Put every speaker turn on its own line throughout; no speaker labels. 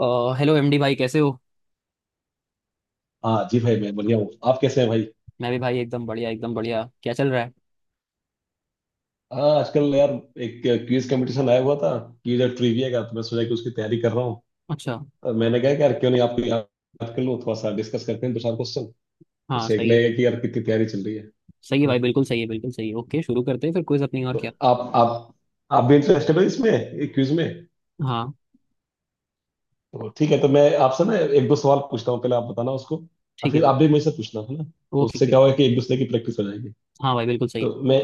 अ, hello MD भाई, कैसे हो?
हाँ जी भाई, मैं बढ़िया हूँ। आप कैसे हैं भाई?
मैं भी भाई, एकदम बढ़िया एकदम बढ़िया। क्या चल रहा है?
हाँ, आजकल यार एक क्विज कंपटीशन आया हुआ था। क्विज और ट्रिविया का, तो मैं सोचा कि उसकी तैयारी कर रहा हूँ।
अच्छा।
और मैंने कहा कि यार क्यों नहीं आपको याद कर लूँ, थोड़ा सा डिस्कस करते हैं दो चार क्वेश्चन।
हाँ,
उससे एक
सही है।
लगेगा कि यार कितनी तैयारी चल रही है।
सही है भाई, बिल्कुल सही है, बिल्कुल सही है। ओके, शुरू करते हैं फिर क्विज अपनी। और
तो
क्या?
आप आप आप भी इंटरेस्टेड हो इसमें, क्विज में?
हाँ।
तो ठीक है, तो मैं आपसे ना एक दो सवाल पूछता हूँ, पहले आप बताना उसको। और
ठीक है
फिर
भाई।
आप भी मुझसे पूछना, है ना? तो
ओके ओके,
उससे क्या
ठीक।
होगा कि एक दूसरे की प्रैक्टिस हो जाएगी।
हाँ भाई, बिल्कुल सही है।
तो मैं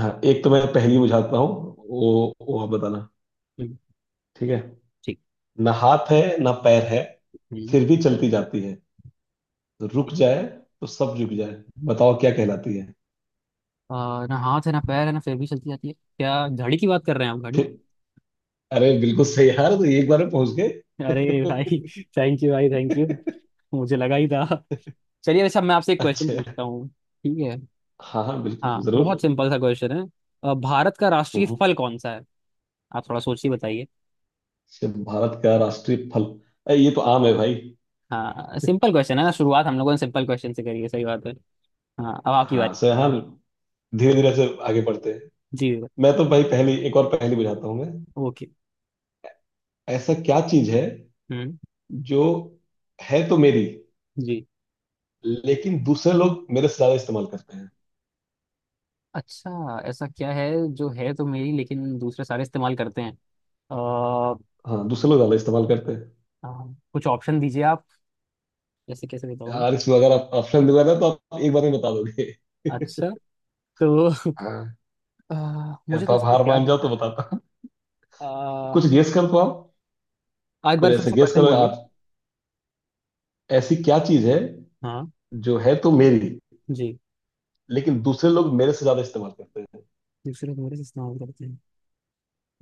हाँ एक तो मैं पहली बुझाता हूँ, वो आप बताना।
हम्म,
ठीक है?
ठीक।
ना हाथ है ना पैर है,
हम्म,
फिर भी चलती जाती है। रुक
ठीक।
जाए तो सब रुक जाए। बताओ क्या कहलाती है?
अ, ना हाथ है, ना पैर है, ना फिर भी चलती जाती है। क्या घड़ी की बात कर रहे हैं आप? घड़ी।
फिर, अरे बिल्कुल सही यार, तो एक बार में पहुंच गए।
अरे भाई! थैंक यू भाई, थैंक यू। मुझे लगा ही था। चलिए, वैसे अब मैं आपसे एक क्वेश्चन
अच्छा।
पूछता हूँ, ठीक है?
हाँ हाँ, बिल्कुल
हाँ,
जरूर।
बहुत सिंपल सा क्वेश्चन है। भारत का राष्ट्रीय
हम्म।
फल कौन सा है? आप थोड़ा सोचिए, बताइए।
से भारत का राष्ट्रीय फल? अरे, ये तो आम है भाई।
हाँ, सिंपल क्वेश्चन है ना। शुरुआत हम लोगों ने सिंपल क्वेश्चन से करी है, सही बात है। हाँ, अब आपकी
हाँ
बारी।
सर, हाँ। धीरे धीरे से आगे बढ़ते हैं।
जी।
मैं तो भाई पहली एक और पहेली बुझाता हूँ मैं।
ओके।
ऐसा क्या चीज है
हम्म।
जो है तो मेरी,
जी।
लेकिन दूसरे लोग मेरे से ज्यादा इस्तेमाल करते हैं?
अच्छा, ऐसा क्या है? जो है तो मेरी, लेकिन दूसरे सारे इस्तेमाल करते हैं। अ,
हाँ, दूसरे लोग ज्यादा इस्तेमाल करते हैं।
कुछ ऑप्शन दीजिए आप। जैसे कैसे बताऊँ?
यार, इसमें अगर आप ऑप्शन दूंगा ना, तो आप एक बार में बता दोगे।
अच्छा। तो
हाँ।
अ,
या
मुझे
तो
तो
आप
ऐसा कुछ
हार
याद
मान जाओ
नहीं
तो
आ
बताता हूँ, कुछ
रहा।
गेस कर पाओ।
एक
कुछ
बार फिर
ऐसा
से
गेस
क्वेश्चन
करो
बोलिए।
आप। ऐसी क्या चीज है
हाँ।
जो है तो मेरी,
जी।
लेकिन दूसरे लोग मेरे से ज्यादा इस्तेमाल करते हैं?
दूसरे तुम्हारे से इस्तेमाल करते हैं।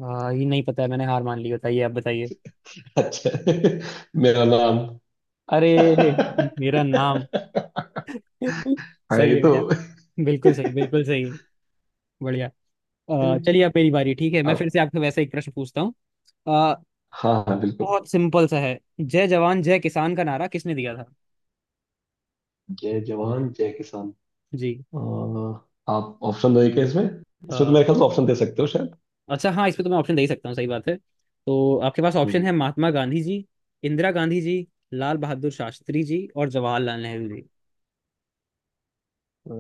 ये नहीं पता है, मैंने हार मान ली। बताइए, आप बताइए।
अच्छा। मेरा नाम।
अरे! मेरा नाम।
हाँ,
सही
ये
है,
तो
मेरा। बिल्कुल सही, बिल्कुल सही। बढ़िया। चलिए, अब मेरी बारी। ठीक है, मैं फिर
आप।
से आपसे वैसा एक प्रश्न पूछता हूँ। अ,
हाँ हाँ, बिल्कुल।
बहुत सिंपल सा है। जय जवान जय किसान का नारा किसने दिया था?
जय जवान जय किसान।
जी।
अ, आप ऑप्शन दोगे क्या इसमें इसमें तो
अ,
मेरे ख्याल से ऑप्शन दे सकते हो शायद।
अच्छा, हाँ, इस पे तो मैं ऑप्शन दे ही सकता हूँ, सही बात है। तो आपके पास ऑप्शन
हम्म।
है: महात्मा गांधी जी, इंदिरा गांधी जी, लाल बहादुर शास्त्री जी और जवाहरलाल नेहरू जी।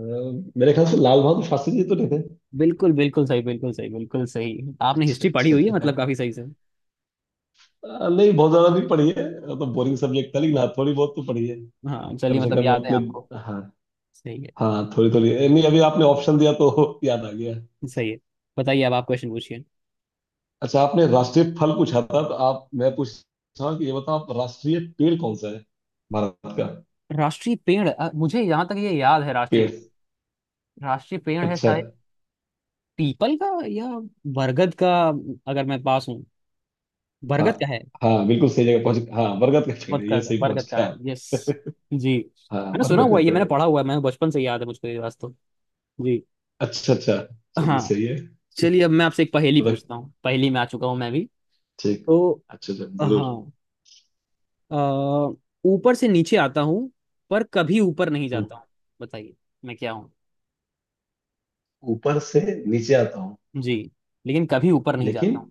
मेरे ख्याल से लाल बहादुर शास्त्री जी, तो नहीं थे?
बिल्कुल, बिल्कुल सही, बिल्कुल सही, बिल्कुल सही। आपने
अच्छा
हिस्ट्री पढ़ी
अच्छा।
हुई है मतलब, काफी सही से।
नहीं, बहुत ज्यादा नहीं पढ़ी है, वो तो बोरिंग सब्जेक्ट था। लेकिन हाँ, थोड़ी बहुत तो पढ़ी है,
हाँ,
कम
चलिए
से
मतलब
कम
याद है
अपने।
आपको।
हाँ।
सही है।
हाँ, थोड़ी थोड़ी। नहीं, अभी आपने ऑप्शन दिया तो याद आ गया।
सही है। बताइए, अब आप क्वेश्चन पूछिए।
अच्छा, आपने राष्ट्रीय फल पूछा था, तो आप मैं पूछ रहा हूँ कि ये बताओ आप, राष्ट्रीय पेड़ कौन सा है भारत का?
राष्ट्रीय पेड़। मुझे यहाँ तक ये याद है। राष्ट्रीय
पेड़।
राष्ट्रीय पेड़ है
अच्छा।
शायद, पीपल का या बरगद का। अगर मैं पास हूँ।
हाँ
बरगद का है।
हाँ, बिल्कुल सही जगह पहुंच। हाँ, बरगद का पेड़
बरगद
है ये,
का,
सही पहुंच
बरगद का
गया
है।
आप।
यस। जी,
हाँ,
मैंने सुना
बरगद
हुआ
का
है ये,
पेड़
मैंने
है।
पढ़ा हुआ है, मैंने बचपन से याद है मुझको ये वास्तव। जी।
अच्छा अच्छा। चलिए,
हाँ,
सही है।
चलिए अब मैं आपसे एक पहेली
मतलब,
पूछता हूँ। पहेली में आ चुका हूँ मैं भी
ठीक।
तो।
अच्छा अच्छा, जरूर।
हाँ। अ, ऊपर से नीचे आता हूँ, पर कभी ऊपर नहीं
हम्म।
जाता हूँ। बताइए, मैं क्या हूँ?
ऊपर से नीचे आता हूँ,
जी। लेकिन कभी ऊपर नहीं जाता
लेकिन
हूँ।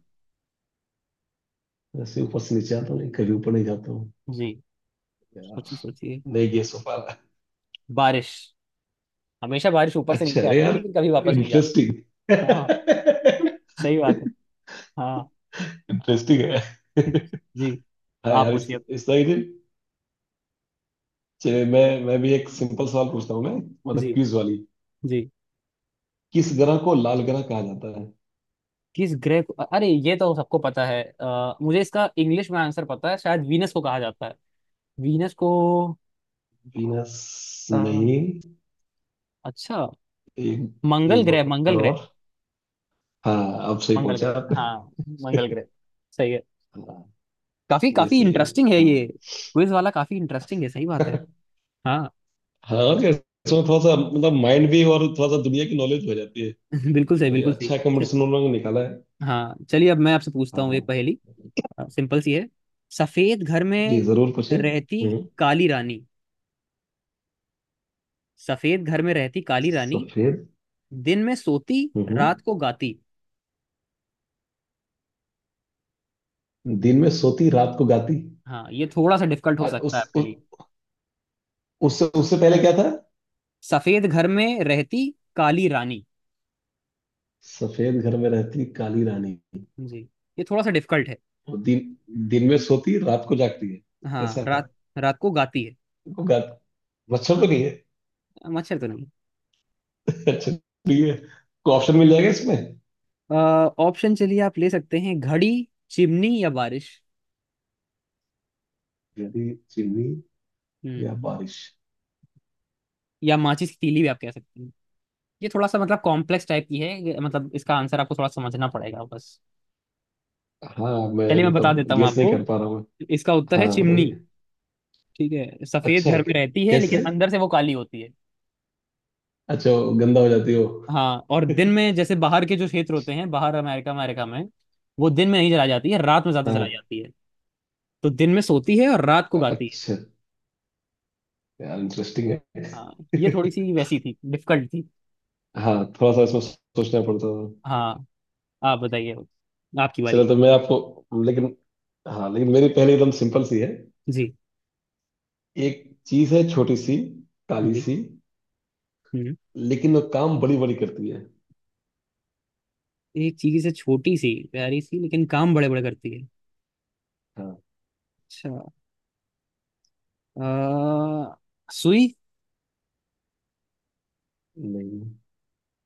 ऐसे ऊपर से नीचे आता हूँ, कभी ऊपर नहीं जाता हूँ।
जी। सोचिए, सोचिए।
नहीं, ये सोफा।
बारिश। हमेशा बारिश ऊपर से
अच्छा,
नीचे
अरे
आती है,
यार,
लेकिन कभी वापस नहीं जाती।
इंटरेस्टिंग।
हाँ। सही बात है। हाँ।
इंटरेस्टिंग है।
जी।
हाँ
आप
यार,
पूछिए अब।
इस तरह की। चलिए, मैं भी एक सिंपल सवाल पूछता हूँ मैं, मतलब
जी,
क्विज वाली।
जी।
किस ग्रह को लाल ग्रह कहा जाता है?
किस ग्रह को? अरे, ये तो सबको पता है। मुझे इसका इंग्लिश में आंसर पता है शायद। वीनस को कहा जाता है। वीनस को।
वीनस?
अ,
नहीं।
अच्छा।
एक,
मंगल
एक
ग्रह, मंगल
बार,
ग्रह।
और हाँ अब सही
मंगल
पहुंचा
ग्रह।
आपने।
हाँ, मंगल ग्रह। सही है।
हाँ,
काफी
ये
काफी
सही है।
इंटरेस्टिंग है
हम्म।
ये। क्विज वाला काफी इंटरेस्टिंग है, सही बात है। हाँ।
हाँ, और क्या, इसमें थोड़ा सा मतलब माइंड भी, और थोड़ा सा दुनिया की नॉलेज हो जाती
बिल्कुल सही,
है। ये
बिल्कुल
अच्छा
सही।
कंपटीशन उन लोगों ने निकाला है।
हाँ, चलिए अब मैं आपसे पूछता
हाँ
हूँ एक
हाँ।
पहेली। सिंपल सी है। सफेद घर
जी,
में
जरूर पूछिए।
रहती
हम्म।
काली रानी। सफेद घर में रहती काली रानी।
सफेद।
दिन में सोती, रात
हम्म।
को गाती।
दिन में सोती रात को गाती।
हाँ, ये थोड़ा सा डिफिकल्ट हो सकता है आपके
उस
लिए।
उससे उससे पहले क्या था?
सफेद घर में रहती काली रानी।
सफेद घर में रहती काली रानी।
जी। ये थोड़ा सा डिफिकल्ट है।
वो दिन, दिन में सोती रात को जागती है,
हाँ,
ऐसा
रात।
है।
रात को गाती है।
को गाती, मच्छर तो
हाँ,
नहीं है?
मच्छर तो नहीं।
अच्छा। ठीक है, कोई ऑप्शन मिल जाएगा इसमें?
ऑप्शन चलिए आप ले सकते हैं: घड़ी, चिमनी या बारिश।
यदि, चिमनी
हम्म।
या बारिश?
या माचिस की तीली भी आप कह सकते हैं। ये थोड़ा सा मतलब कॉम्प्लेक्स टाइप की है ये, मतलब इसका आंसर आपको थोड़ा समझना पड़ेगा बस।
हाँ, मैं
चलिए, मैं बता
मतलब
देता हूँ
गेस नहीं
आपको।
कर पा रहा हूँ।
इसका उत्तर है
हाँ,
चिमनी।
बताइए।
ठीक है, सफेद
अच्छा।
घर में रहती है लेकिन
कैसे?
अंदर से वो काली होती है।
अच्छा, वो गंदा हो जाती हो।
हाँ, और दिन में जैसे बाहर के जो क्षेत्र होते हैं, बाहर अमेरिका अमेरिका में वो दिन में नहीं जलाई जाती है, रात में ज्यादा
हाँ।
जलाई जाती है। तो दिन में सोती है और रात को गाती है।
अच्छा यार, इंटरेस्टिंग
हाँ,
है।
ये थोड़ी सी वैसी थी, डिफिकल्ट थी।
हाँ, थोड़ा सा इसमें सोचना पड़ता था।
हाँ, आप बताइए। आपकी
चलो,
बारी।
तो मैं आपको, लेकिन हाँ, लेकिन मेरी पहले एकदम सिंपल सी है।
जी,
एक चीज है छोटी सी, काली
जी।
सी,
हम्म।
लेकिन वो काम बड़ी बड़ी करती है।
एक चीज से, छोटी सी, प्यारी सी, लेकिन काम बड़े बड़े करती है।
हाँ।
अच्छा। अ, सुई।
नहीं,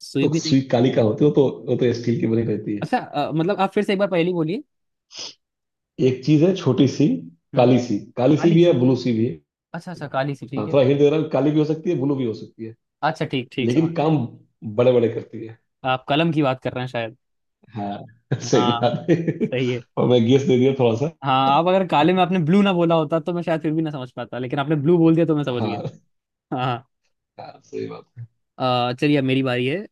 सुई
तो
भी नहीं।
सुई काली का होती है वो तो स्टील की बनी रहती है।
अच्छा, मतलब आप फिर से एक बार पहेली बोलिए।
एक चीज है छोटी सी,
हम्म।
काली सी, काली सी
काली
भी है,
सी।
ब्लू सी भी है।
अच्छा अच्छा, काली सी,
हाँ,
ठीक है।
थोड़ा हिंट दे रहा हूँ, काली भी हो सकती है, ब्लू भी हो सकती है,
अच्छा, ठीक ठीक समझ।
लेकिन काम बड़े बड़े करती है।
आप कलम की बात कर रहे हैं शायद?
हाँ। सही
हाँ।
बात है,
सही है।
और मैं गेस दे दिया थोड़ा सा।
हाँ। आप अगर काले में आपने ब्लू ना बोला होता तो मैं शायद फिर भी ना समझ पाता, लेकिन आपने ब्लू बोल दिया तो मैं समझ गया।
हाँ।
हाँ।
हाँ, सही बात है।
हाँ। चलिए अब मेरी बारी है।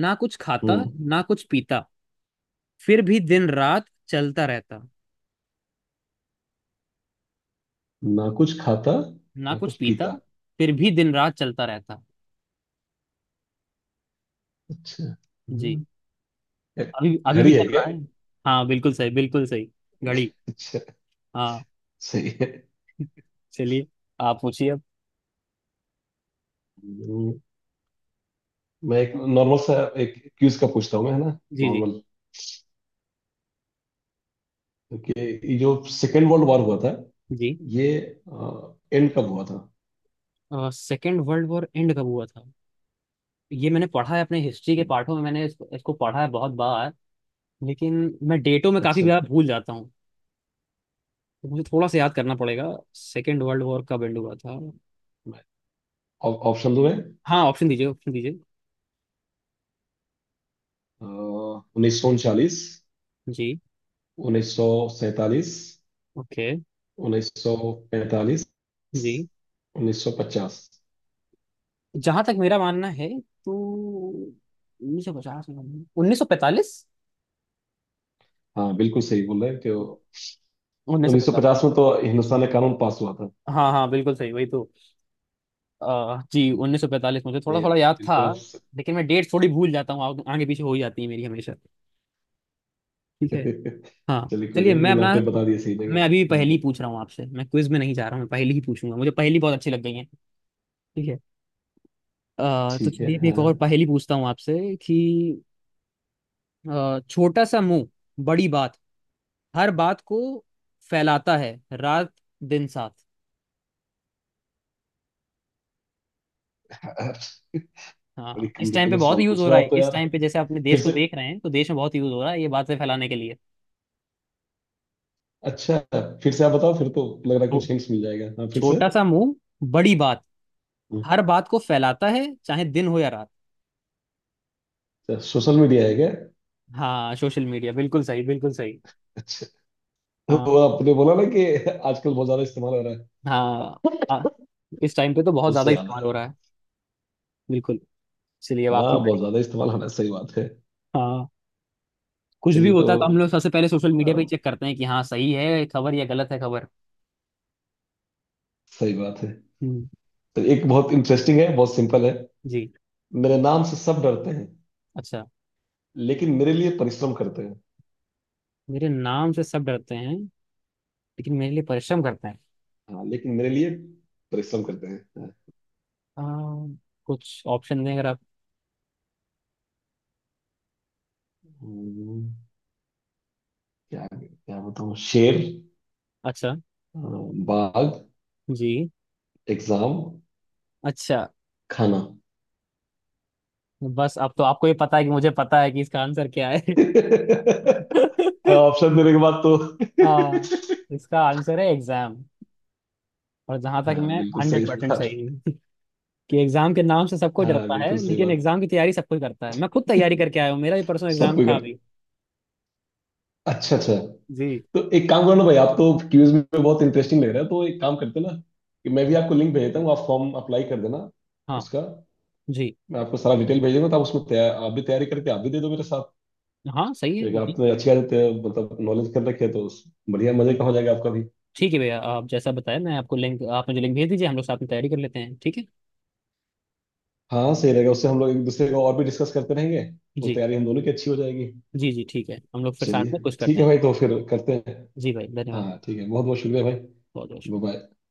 ना कुछ खाता,
हम्म।
ना कुछ पीता, फिर भी दिन रात चलता रहता।
ना कुछ खाता,
ना
ना
कुछ
कुछ
पीता,
पीता।
फिर भी दिन रात चलता रहता।
अच्छा।
जी।
हम्म,
अभी अभी भी
घड़ी है
चल रहा
क्या?
है। हाँ, बिल्कुल सही, बिल्कुल सही। घड़ी।
अच्छा,
हाँ।
सही है।
चलिए। आप पूछिए अब।
हम्म, मैं एक नॉर्मल सा, एक क्यूज का पूछता हूँ मैं, है ना?
जी, जी।
नॉर्मल, क्योंकि ये जो सेकेंड वर्ल्ड वॉर हुआ था,
जी।
ये एंड कब हुआ था?
सेकेंड वर्ल्ड वॉर एंड कब हुआ था? ये मैंने पढ़ा है अपने हिस्ट्री के
हम्म।
पाठों में, मैंने इसको पढ़ा है बहुत बार। लेकिन मैं डेटों में काफी
अच्छा।
बार भूल जाता हूँ। तो मुझे थोड़ा सा याद करना पड़ेगा। सेकेंड वर्ल्ड वॉर कब एंड हुआ था?
मैं- ऑप्शन दो है।
हाँ, ऑप्शन दीजिए, ऑप्शन दीजिए।
1939,
जी।
1947,
ओके।
1945,
जी।
1950।
जहां तक मेरा मानना है, तो 1950 में, 1945।
हाँ बिल्कुल सही बोल रहे हैं कि
उन्नीस सौ
उन्नीस सौ
पैंतालीस
पचास में तो हिंदुस्तान में कानून पास हुआ था।
हाँ हाँ, बिल्कुल सही, वही तो। जी, 1945 मुझे थोड़ा
ये
थोड़ा याद था।
बिल्कुल आप
लेकिन मैं डेट थोड़ी भूल जाता हूँ, आगे पीछे हो ही जाती है मेरी हमेशा। ठीक है। हाँ,
चलिए, कोई
चलिए
नहीं,
मैं
लेकिन
अपना।
आपने बता दिया सही
मैं
जगह।
अभी
हम्म,
पहेली पूछ रहा हूँ आपसे। मैं क्विज में नहीं जा रहा हूँ, मैं पहेली ही पूछूंगा। मुझे पहेली बहुत अच्छी लग गई है। ठीक है। तो
ठीक है,
चलिए, मैं एक
हाँ।
और पहेली पूछता हूँ आपसे कि छोटा सा मुंह, बड़ी बात। हर बात को फैलाता है रात दिन साथ।
बड़ी
हाँ, इस टाइम पे
कॉम्प्लिकेटेड
बहुत
सवाल
यूज
पूछ
हो
रहे
रहा
हो
है।
आप तो
इस
यार।
टाइम पे जैसे अपने
फिर
देश को
से,
देख रहे हैं, तो देश में बहुत यूज हो रहा है ये बातें फैलाने के लिए।
अच्छा, फिर से आप बताओ, फिर तो लग रहा है
तो
कुछ हिंट्स मिल जाएगा, हाँ फिर से।
छोटा सा मुंह, बड़ी बात।
हम्म।
हर बात को फैलाता है चाहे दिन हो या रात।
अच्छा, सोशल मीडिया है क्या?
हाँ, सोशल मीडिया। बिल्कुल सही, बिल्कुल सही।
अच्छा,
हाँ।
वो आपने बोला ना, कि आजकल बहुत ज्यादा इस्तेमाल हो रहा है,
हाँ। आ, इस टाइम पे तो बहुत ज्यादा
उससे याद
इस्तेमाल
आया।
हो रहा है। बिल्कुल। चलिए, अब आपकी
हाँ, बहुत
बारी।
ज्यादा इस्तेमाल हो रहा है, सही बात है।
हाँ, कुछ भी
चलिए तो,
होता है तो हम लोग सबसे पहले सोशल मीडिया पे ही
अम,
चेक करते हैं कि हाँ सही है खबर या गलत है खबर।
सही बात है।
हम्म।
तो एक बहुत इंटरेस्टिंग है, बहुत सिंपल है।
जी।
मेरे नाम से सब डरते हैं,
अच्छा।
लेकिन मेरे लिए परिश्रम करते हैं।
मेरे नाम से सब डरते हैं, लेकिन मेरे लिए परिश्रम करते हैं।
हाँ, लेकिन मेरे लिए परिश्रम करते हैं, हाँ।
आ, कुछ ऑप्शन दें अगर आप।
हम्म, क्या क्या बताऊँ, शेर,
अच्छा।
अ, बाघ,
जी।
एग्जाम,
अच्छा।
खाना।
बस अब तो आपको ये पता है कि मुझे पता है कि इसका आंसर क्या है।
ऑप्शन देने के बाद तो।
हाँ, इसका आंसर है एग्जाम। और जहां तक
हाँ,
मैं
बिल्कुल सही
100%
बात।
सही हूँ कि एग्जाम के नाम से सबको
हाँ,
डरता है,
बिल्कुल सही
लेकिन
बात,
एग्जाम की तैयारी सब कोई करता है। मैं खुद तैयारी करके आया हूँ, मेरा भी परसों
सब
एग्जाम
कोई
था
कर।
अभी।
अच्छा अच्छा।
जी।
तो एक काम करो ना भाई, आप तो क्यूज में बहुत इंटरेस्टिंग लग रहा है, तो एक काम करते हैं ना, कि मैं भी आपको लिंक भेज देता हूँ, आप फॉर्म अप्लाई कर देना
हाँ।
उसका।
जी।
मैं आपको सारा डिटेल भेज दूंगा, तो आप उसमें तैयार, आप भी तैयारी करके आप भी दे दो मेरे साथ।
हाँ सही है
एक
जी।
आपने अच्छी आदत है, मतलब नॉलेज कर रखी है, तो बढ़िया मजे का हो जाएगा आपका भी।
ठीक है भैया, आप जैसा बताया। मैं आपको लिंक, आप मुझे लिंक भेज दीजिए, हम लोग साथ में तैयारी कर लेते हैं, ठीक है?
हाँ, सही रहेगा, उससे हम लोग एक दूसरे को और भी डिस्कस करते रहेंगे, तो
जी।
तैयारी हम दोनों की अच्छी हो जाएगी।
जी, जी, ठीक है, हम लोग फिर साथ
चलिए,
में कुछ
ठीक
करते
है
हैं।
भाई, तो फिर करते हैं।
जी भाई, धन्यवाद।
हाँ, ठीक है, बहुत बहुत शुक्रिया भाई।
बहुत बहुत।
बाय।